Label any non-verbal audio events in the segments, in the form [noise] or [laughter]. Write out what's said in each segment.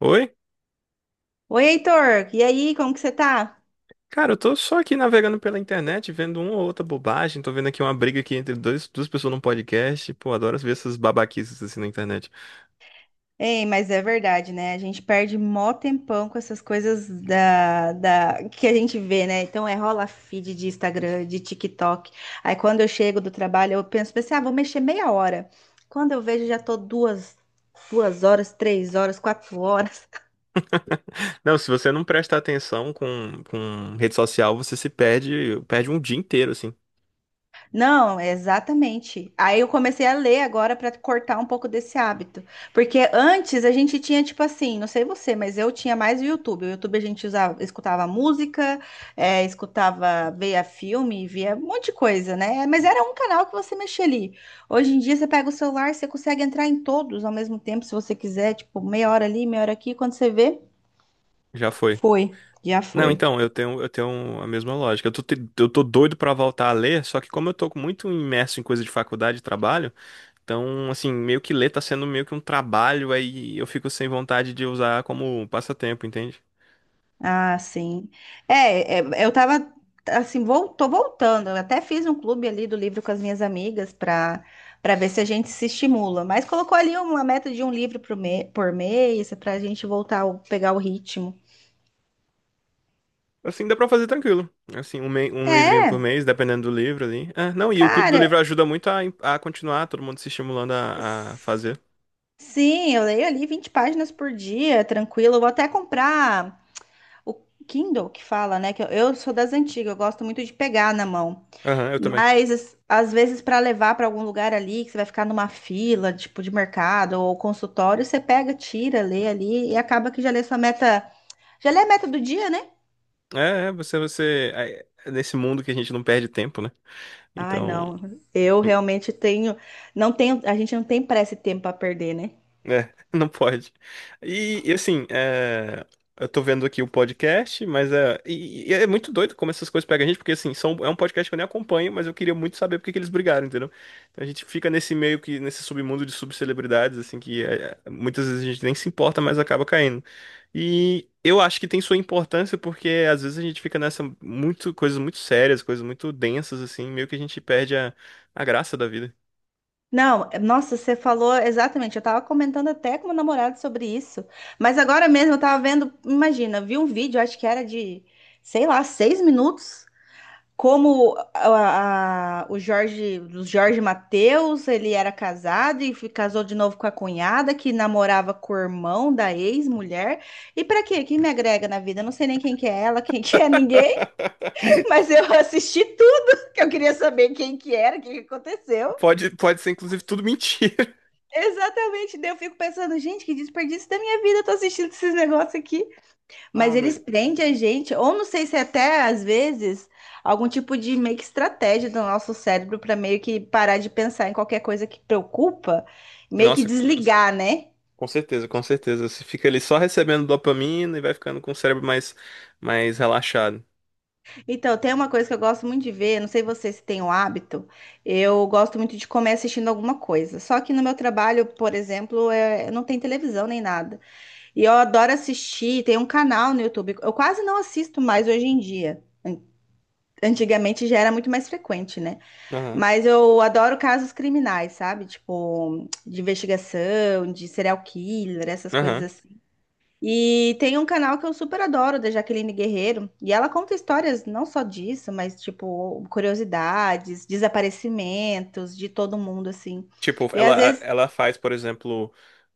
Oi? Oi, Heitor, e aí, como que você tá? Cara, eu tô só aqui navegando pela internet, vendo uma ou outra bobagem. Tô vendo aqui uma briga aqui entre duas pessoas num podcast. Pô, adoro ver essas babaquices assim na internet. Ei, mas é verdade, né? A gente perde mó tempão com essas coisas da que a gente vê, né? Então é rola feed de Instagram, de TikTok. Aí quando eu chego do trabalho, pensei, ah, vou mexer meia hora. Quando eu vejo, já tô 2 horas, 3 horas, 4 horas. Não, se você não presta atenção com rede social, você se perde um dia inteiro, assim. Não, exatamente. Aí eu comecei a ler agora para cortar um pouco desse hábito. Porque antes a gente tinha, tipo assim, não sei você, mas eu tinha mais o YouTube. O YouTube a gente usava, escutava música, escutava, via filme, via um monte de coisa, né? Mas era um canal que você mexia ali. Hoje em dia você pega o celular, você consegue entrar em todos ao mesmo tempo, se você quiser, tipo, meia hora ali, meia hora aqui. Quando você vê, Já foi. foi, já Não, foi. então, eu tenho a mesma lógica. Eu eu tô doido pra voltar a ler, só que como eu tô muito imerso em coisa de faculdade e trabalho, então, assim, meio que ler tá sendo meio que um trabalho, aí eu fico sem vontade de usar como passatempo, entende? Ah, sim. Eu tava assim, vol tô voltando. Eu até fiz um clube ali do livro com as minhas amigas para ver se a gente se estimula. Mas colocou ali uma meta de um livro por mês para a gente voltar a pegar o ritmo. Assim, dá pra fazer tranquilo. Assim, um livrinho por É, mês, dependendo do livro ali. É, não, e o Clube do cara, Livro ajuda muito a continuar, todo mundo se estimulando a s- fazer. sim, eu leio ali 20 páginas por dia, tranquilo. Eu vou até comprar o Kindle que fala, né? Que eu sou das antigas, eu gosto muito de pegar na mão. Aham, eu também. Mas às vezes para levar para algum lugar ali, que você vai ficar numa fila, tipo de mercado ou consultório, você pega, tira, lê ali e acaba que já lê sua meta, já lê a meta do dia, né? Você, você. É, é Nesse mundo que a gente não perde tempo, né? Ai, Então. não. Eu realmente tenho, não tenho, a gente não tem pressa e tempo para perder, né? É, [laughs] não pode. E, e, assim, é, eu tô vendo aqui o podcast, e é muito doido como essas coisas pegam a gente, porque assim, é um podcast que eu nem acompanho, mas eu queria muito saber por que que eles brigaram, entendeu? Então a gente fica nesse submundo de subcelebridades, assim, que muitas vezes a gente nem se importa, mas acaba caindo. E eu acho que tem sua importância, porque às vezes a gente fica coisas muito sérias, coisas muito densas, assim, meio que a gente perde a graça da vida. Não, nossa, você falou exatamente. Eu tava comentando até com meu namorado sobre isso. Mas agora mesmo eu tava vendo, imagina, vi um vídeo, acho que era de, sei lá, 6 minutos como o Jorge Mateus, ele era casado e casou de novo com a cunhada que namorava com o irmão da ex-mulher. E pra quê? Quem me agrega na vida? Eu não sei nem quem que é ela, [laughs] quem que é ninguém, [laughs] mas [laughs] eu assisti tudo, que eu queria saber quem que era, o que que aconteceu. Pode ser, inclusive, tudo mentira. Exatamente, daí eu fico pensando, gente, que desperdício da minha vida, eu tô assistindo esses negócios aqui. Mas Ah, mas. eles prendem a gente, ou não sei se é até às vezes algum tipo de meio que estratégia do nosso cérebro para meio que parar de pensar em qualquer coisa que preocupa, meio que Nossa, desligar, né? com certeza, com certeza. Você fica ali só recebendo dopamina e vai ficando com o cérebro mais relaxado. Então, tem uma coisa que eu gosto muito de ver, não sei você se tem o hábito, eu gosto muito de comer assistindo alguma coisa. Só que no meu trabalho, por exemplo, não tem televisão nem nada. E eu adoro assistir, tem um canal no YouTube, eu quase não assisto mais hoje em dia. Antigamente já era muito mais frequente, né? Aham, Mas eu adoro casos criminais, sabe? Tipo, de investigação, de serial killer, essas coisas aham. assim. E tem um canal que eu super adoro, da Jaqueline Guerreiro, e ela conta histórias não só disso, mas tipo, curiosidades, desaparecimentos de todo mundo, assim. Tipo, E ela, às vezes ela faz, por exemplo,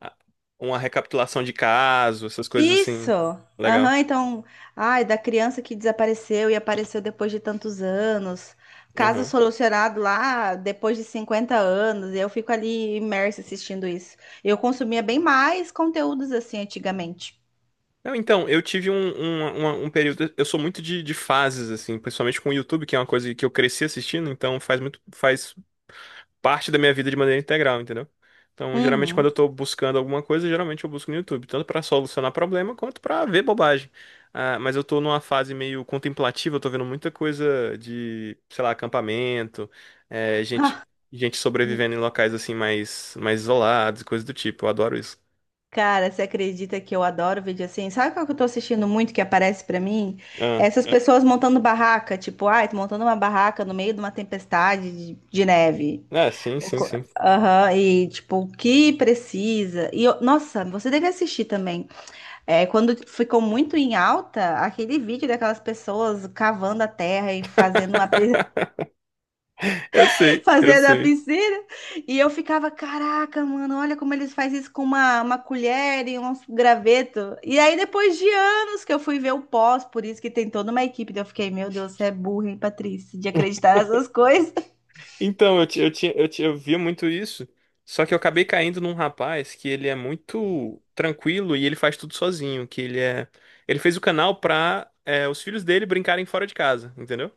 a- uma recapitulação de caso, essas coisas Isso! assim. Legal. Aham, então, ai, da criança que desapareceu e apareceu depois de tantos anos, caso Aham. solucionado lá depois de 50 anos, e eu fico ali imersa assistindo isso. Eu consumia bem mais conteúdos assim antigamente. Não, então, eu tive um período. Eu sou muito de fases, assim, principalmente com o YouTube, que é uma coisa que eu cresci assistindo, então faz parte da minha vida de maneira integral, entendeu? Então, geralmente, quando Uhum. eu tô buscando alguma coisa, geralmente eu busco no YouTube, tanto pra solucionar problema quanto pra ver bobagem. Ah, mas eu tô numa fase meio contemplativa, eu tô vendo muita coisa de, sei lá, acampamento, eh, gente, gente sobrevivendo em locais assim mais isolados, e coisas do tipo. Eu adoro isso. Cara, você acredita que eu adoro vídeo assim? Sabe qual que eu tô assistindo muito que aparece pra mim? Ah, Essas pessoas montando barraca, tipo, ai, tô montando uma barraca no meio de uma tempestade de neve. é, sim, O sim, co- sim. Aham, e tipo, o que precisa. Nossa, você deve assistir também. É, quando ficou muito em alta, aquele vídeo daquelas pessoas cavando a terra e fazendo uma [laughs] Eu [laughs] sei, eu fazendo a sei. piscina. E eu ficava, caraca, mano, olha como eles fazem isso com uma colher e um graveto. E aí, depois de anos que eu fui ver o pós, por isso que tem toda uma equipe. Daí eu fiquei, meu Deus, você é burra, hein, Patrícia, de acreditar nessas coisas. [laughs] Então, eu, ti- eu, tinha- eu, ti- eu via muito isso, só que eu acabei caindo num rapaz que ele é muito tranquilo e ele faz tudo sozinho, que ele é... Ele fez o canal pra os filhos dele brincarem fora de casa, entendeu?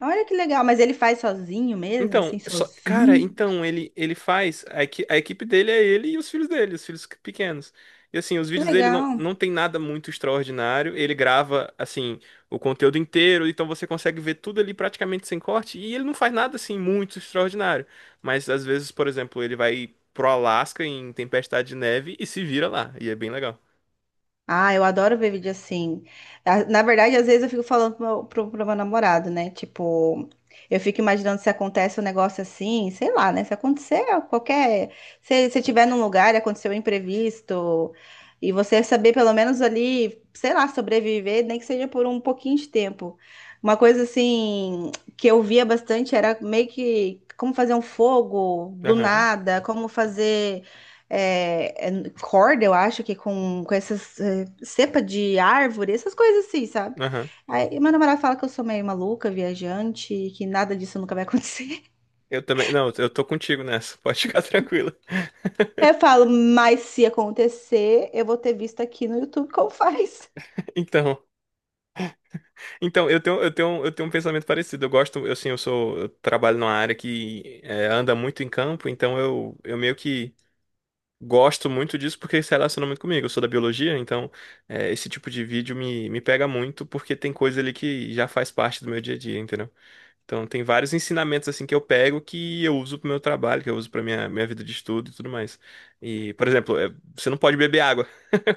Olha que legal, mas ele faz sozinho mesmo, Então, assim, só, cara, sozinho. então ele faz a equipe dele é ele e os filhos dele, os filhos pequenos. E assim, os Que vídeos dele legal. não tem nada muito extraordinário. Ele grava assim o conteúdo inteiro, então você consegue ver tudo ali praticamente sem corte. E ele não faz nada assim muito extraordinário. Mas às vezes, por exemplo, ele vai pro Alasca em tempestade de neve e se vira lá. E é bem legal. Ah, eu adoro ver vídeo assim. Ah, na verdade, às vezes eu fico falando pro meu namorado, né? Tipo, eu fico imaginando se acontece um negócio assim, sei lá, né? Se acontecer qualquer. Se você estiver num lugar e aconteceu um imprevisto, e você saber pelo menos ali, sei lá, sobreviver, nem que seja por um pouquinho de tempo. Uma coisa assim que eu via bastante era meio que como fazer um fogo do Aham, nada, como fazer corda, eu acho que com essas cepa de árvore, essas coisas assim, sabe? aham. Aí meu namorado fala que eu sou meio maluca, viajante, que nada disso nunca vai acontecer. [laughs] Eu também. Não, eu tô contigo nessa. Pode ficar [laughs] tranquila. Eu [laughs] falo, mas se acontecer, eu vou ter visto aqui no YouTube como faz. Então. Então, eu tenho um pensamento parecido. Eu gosto, eu, assim, eu trabalho numa área que é, anda muito em campo, então eu meio que gosto muito disso porque se relaciona muito comigo. Eu sou da biologia, então é, esse tipo de vídeo me pega muito porque tem coisa ali que já faz parte do meu dia a dia, entendeu? Então tem vários ensinamentos assim que eu pego que eu uso pro meu trabalho, que eu uso pra minha vida de estudo e tudo mais. E, por exemplo, é, você não pode beber água.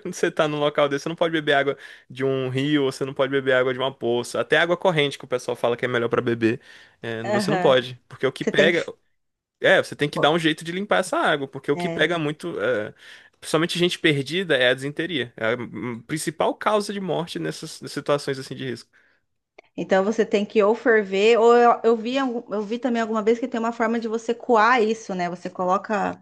Quando você tá num local desse, você não pode beber água de um rio, ou você não pode beber água de uma poça. Até água corrente, que o pessoal fala que é melhor pra beber. É, você não Aham. pode. Porque o que Você tem que. pega. É, você tem que dar Pô, um jeito de limpar essa água. Porque o que é. pega muito. É, principalmente gente perdida é a disenteria. É a principal causa de morte nessas situações assim de risco. Então você tem que ou ferver, ou eu vi, eu vi também alguma vez que tem uma forma de você coar isso, né? Você coloca.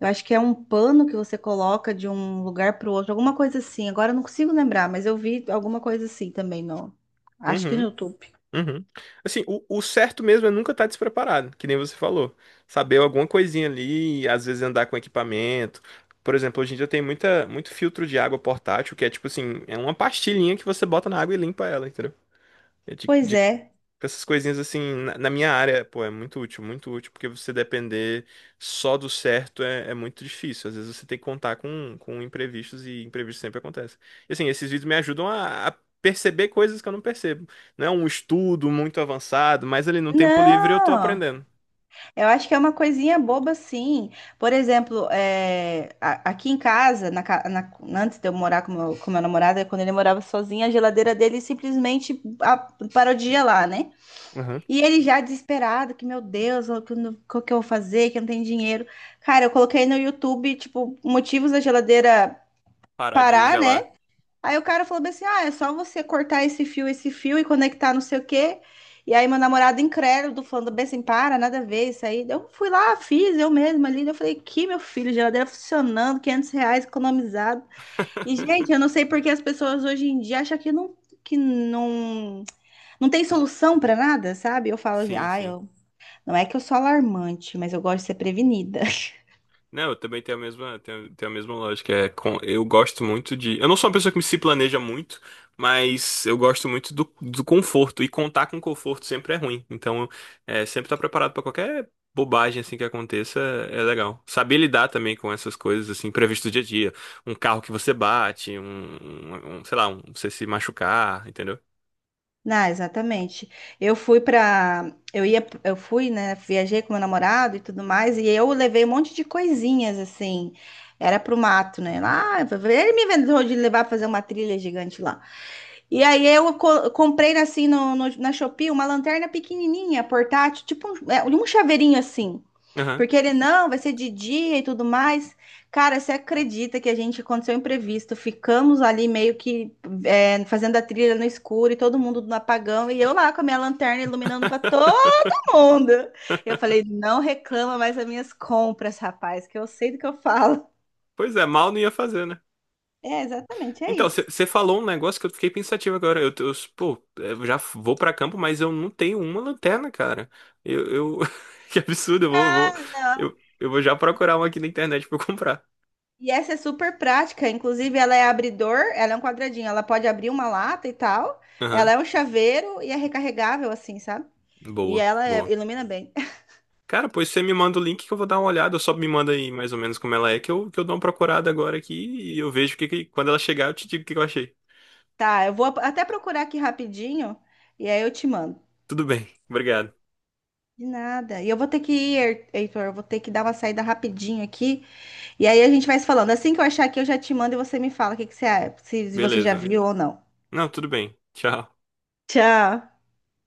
Eu acho que é um pano que você coloca de um lugar para o outro, alguma coisa assim. Agora eu não consigo lembrar, mas eu vi alguma coisa assim também no. Acho que no Uhum. YouTube. Uhum. Assim, o certo mesmo é nunca estar despreparado, que nem você falou. Saber alguma coisinha ali, às vezes andar com equipamento. Por exemplo, hoje em dia tem muito filtro de água portátil, que é tipo assim, é uma pastilhinha que você bota na água e limpa ela, entendeu? É Pois de é. essas coisinhas assim, na minha área, pô, é muito útil, porque você depender só do certo é muito difícil. Às vezes você tem que contar com imprevistos e imprevistos sempre acontecem. E assim, esses vídeos me ajudam a perceber coisas que eu não percebo. Não é um estudo muito avançado, mas ali no tempo livre eu tô Não, aprendendo. eu acho que é uma coisinha boba, sim. Por exemplo, é, aqui em casa, antes de eu morar com meu namorado, é quando ele morava sozinho, a geladeira dele simplesmente parou de gelar, né? Aham. E ele já desesperado, que meu Deus, o que, eu não- o que eu vou fazer, que eu não tenho dinheiro. Cara, eu coloquei no YouTube, tipo, motivos da geladeira Parar de parar, gelar. né? Aí o cara falou bem assim: ah, é só você cortar esse fio, e conectar não sei o quê. E aí meu namorado incrédulo falando bem assim: para, nada a ver isso aí. Eu fui lá, fiz eu mesma ali. Eu falei: que meu filho, geladeira funcionando, R$ 500 economizado. E gente, eu não sei porque as pessoas hoje em dia acham que não tem solução para nada, sabe? Eu falo: Sim, ah, sim. eu, não é que eu sou alarmante, mas eu gosto de ser prevenida. Não, eu também tenho tenho, tenho a mesma lógica. É com, eu gosto muito de. Eu não sou uma pessoa que se planeja muito, mas eu gosto muito do conforto. E contar com conforto sempre é ruim. Então, é, sempre estar preparado para qualquer bobagem assim que aconteça é legal. Saber lidar também com essas coisas assim previstas do dia a dia. Um carro que você bate, sei lá, um, você se machucar, entendeu? Ah, exatamente. Eu fui pra. Eu ia, eu fui, né, viajei com meu namorado e tudo mais, e eu levei um monte de coisinhas assim. Era pro mato, né? Lá, ele me inventou de levar pra fazer uma trilha gigante lá. E aí eu comprei assim na Shopee uma lanterna pequenininha, portátil, tipo um, é, um chaveirinho assim. Aham. Porque ele não, vai ser de dia e tudo mais. Cara, você acredita que a gente aconteceu um imprevisto? Ficamos ali meio que fazendo a trilha no escuro e todo mundo no apagão e eu lá com a minha lanterna iluminando para todo [laughs] mundo. Eu falei, não reclama mais das minhas compras, rapaz, que eu sei do que eu falo. Pois é, mal não ia fazer, né? É, exatamente, é Então, isso. você falou um negócio que eu fiquei pensativo agora. Pô, eu já vou pra campo, mas eu não tenho uma lanterna, cara. Eu, eu- [laughs] que absurdo, eu vou, eu vou já procurar uma aqui na internet pra eu comprar. E essa é super prática, inclusive ela é abridor, ela é um quadradinho, ela pode abrir uma lata e tal. Aham, Ela é um chaveiro e é recarregável assim, sabe? E boa, ela boa. ilumina bem. [laughs] Cara, pois você me manda o link que eu vou dar uma olhada. Só me manda aí mais ou menos como ela é, que eu dou uma procurada agora aqui e eu vejo que quando ela chegar eu te digo o que que eu achei. Tá, eu vou até procurar aqui rapidinho e aí eu te mando. Tudo bem, obrigado. De nada. E eu vou ter que ir, Heitor, eu vou ter que dar uma saída rapidinho aqui. E aí a gente vai se falando. Assim que eu achar aqui, eu já te mando e você me fala o que que você, se você já Beleza. viu ou não. Não, tudo bem. Tchau. Tchau.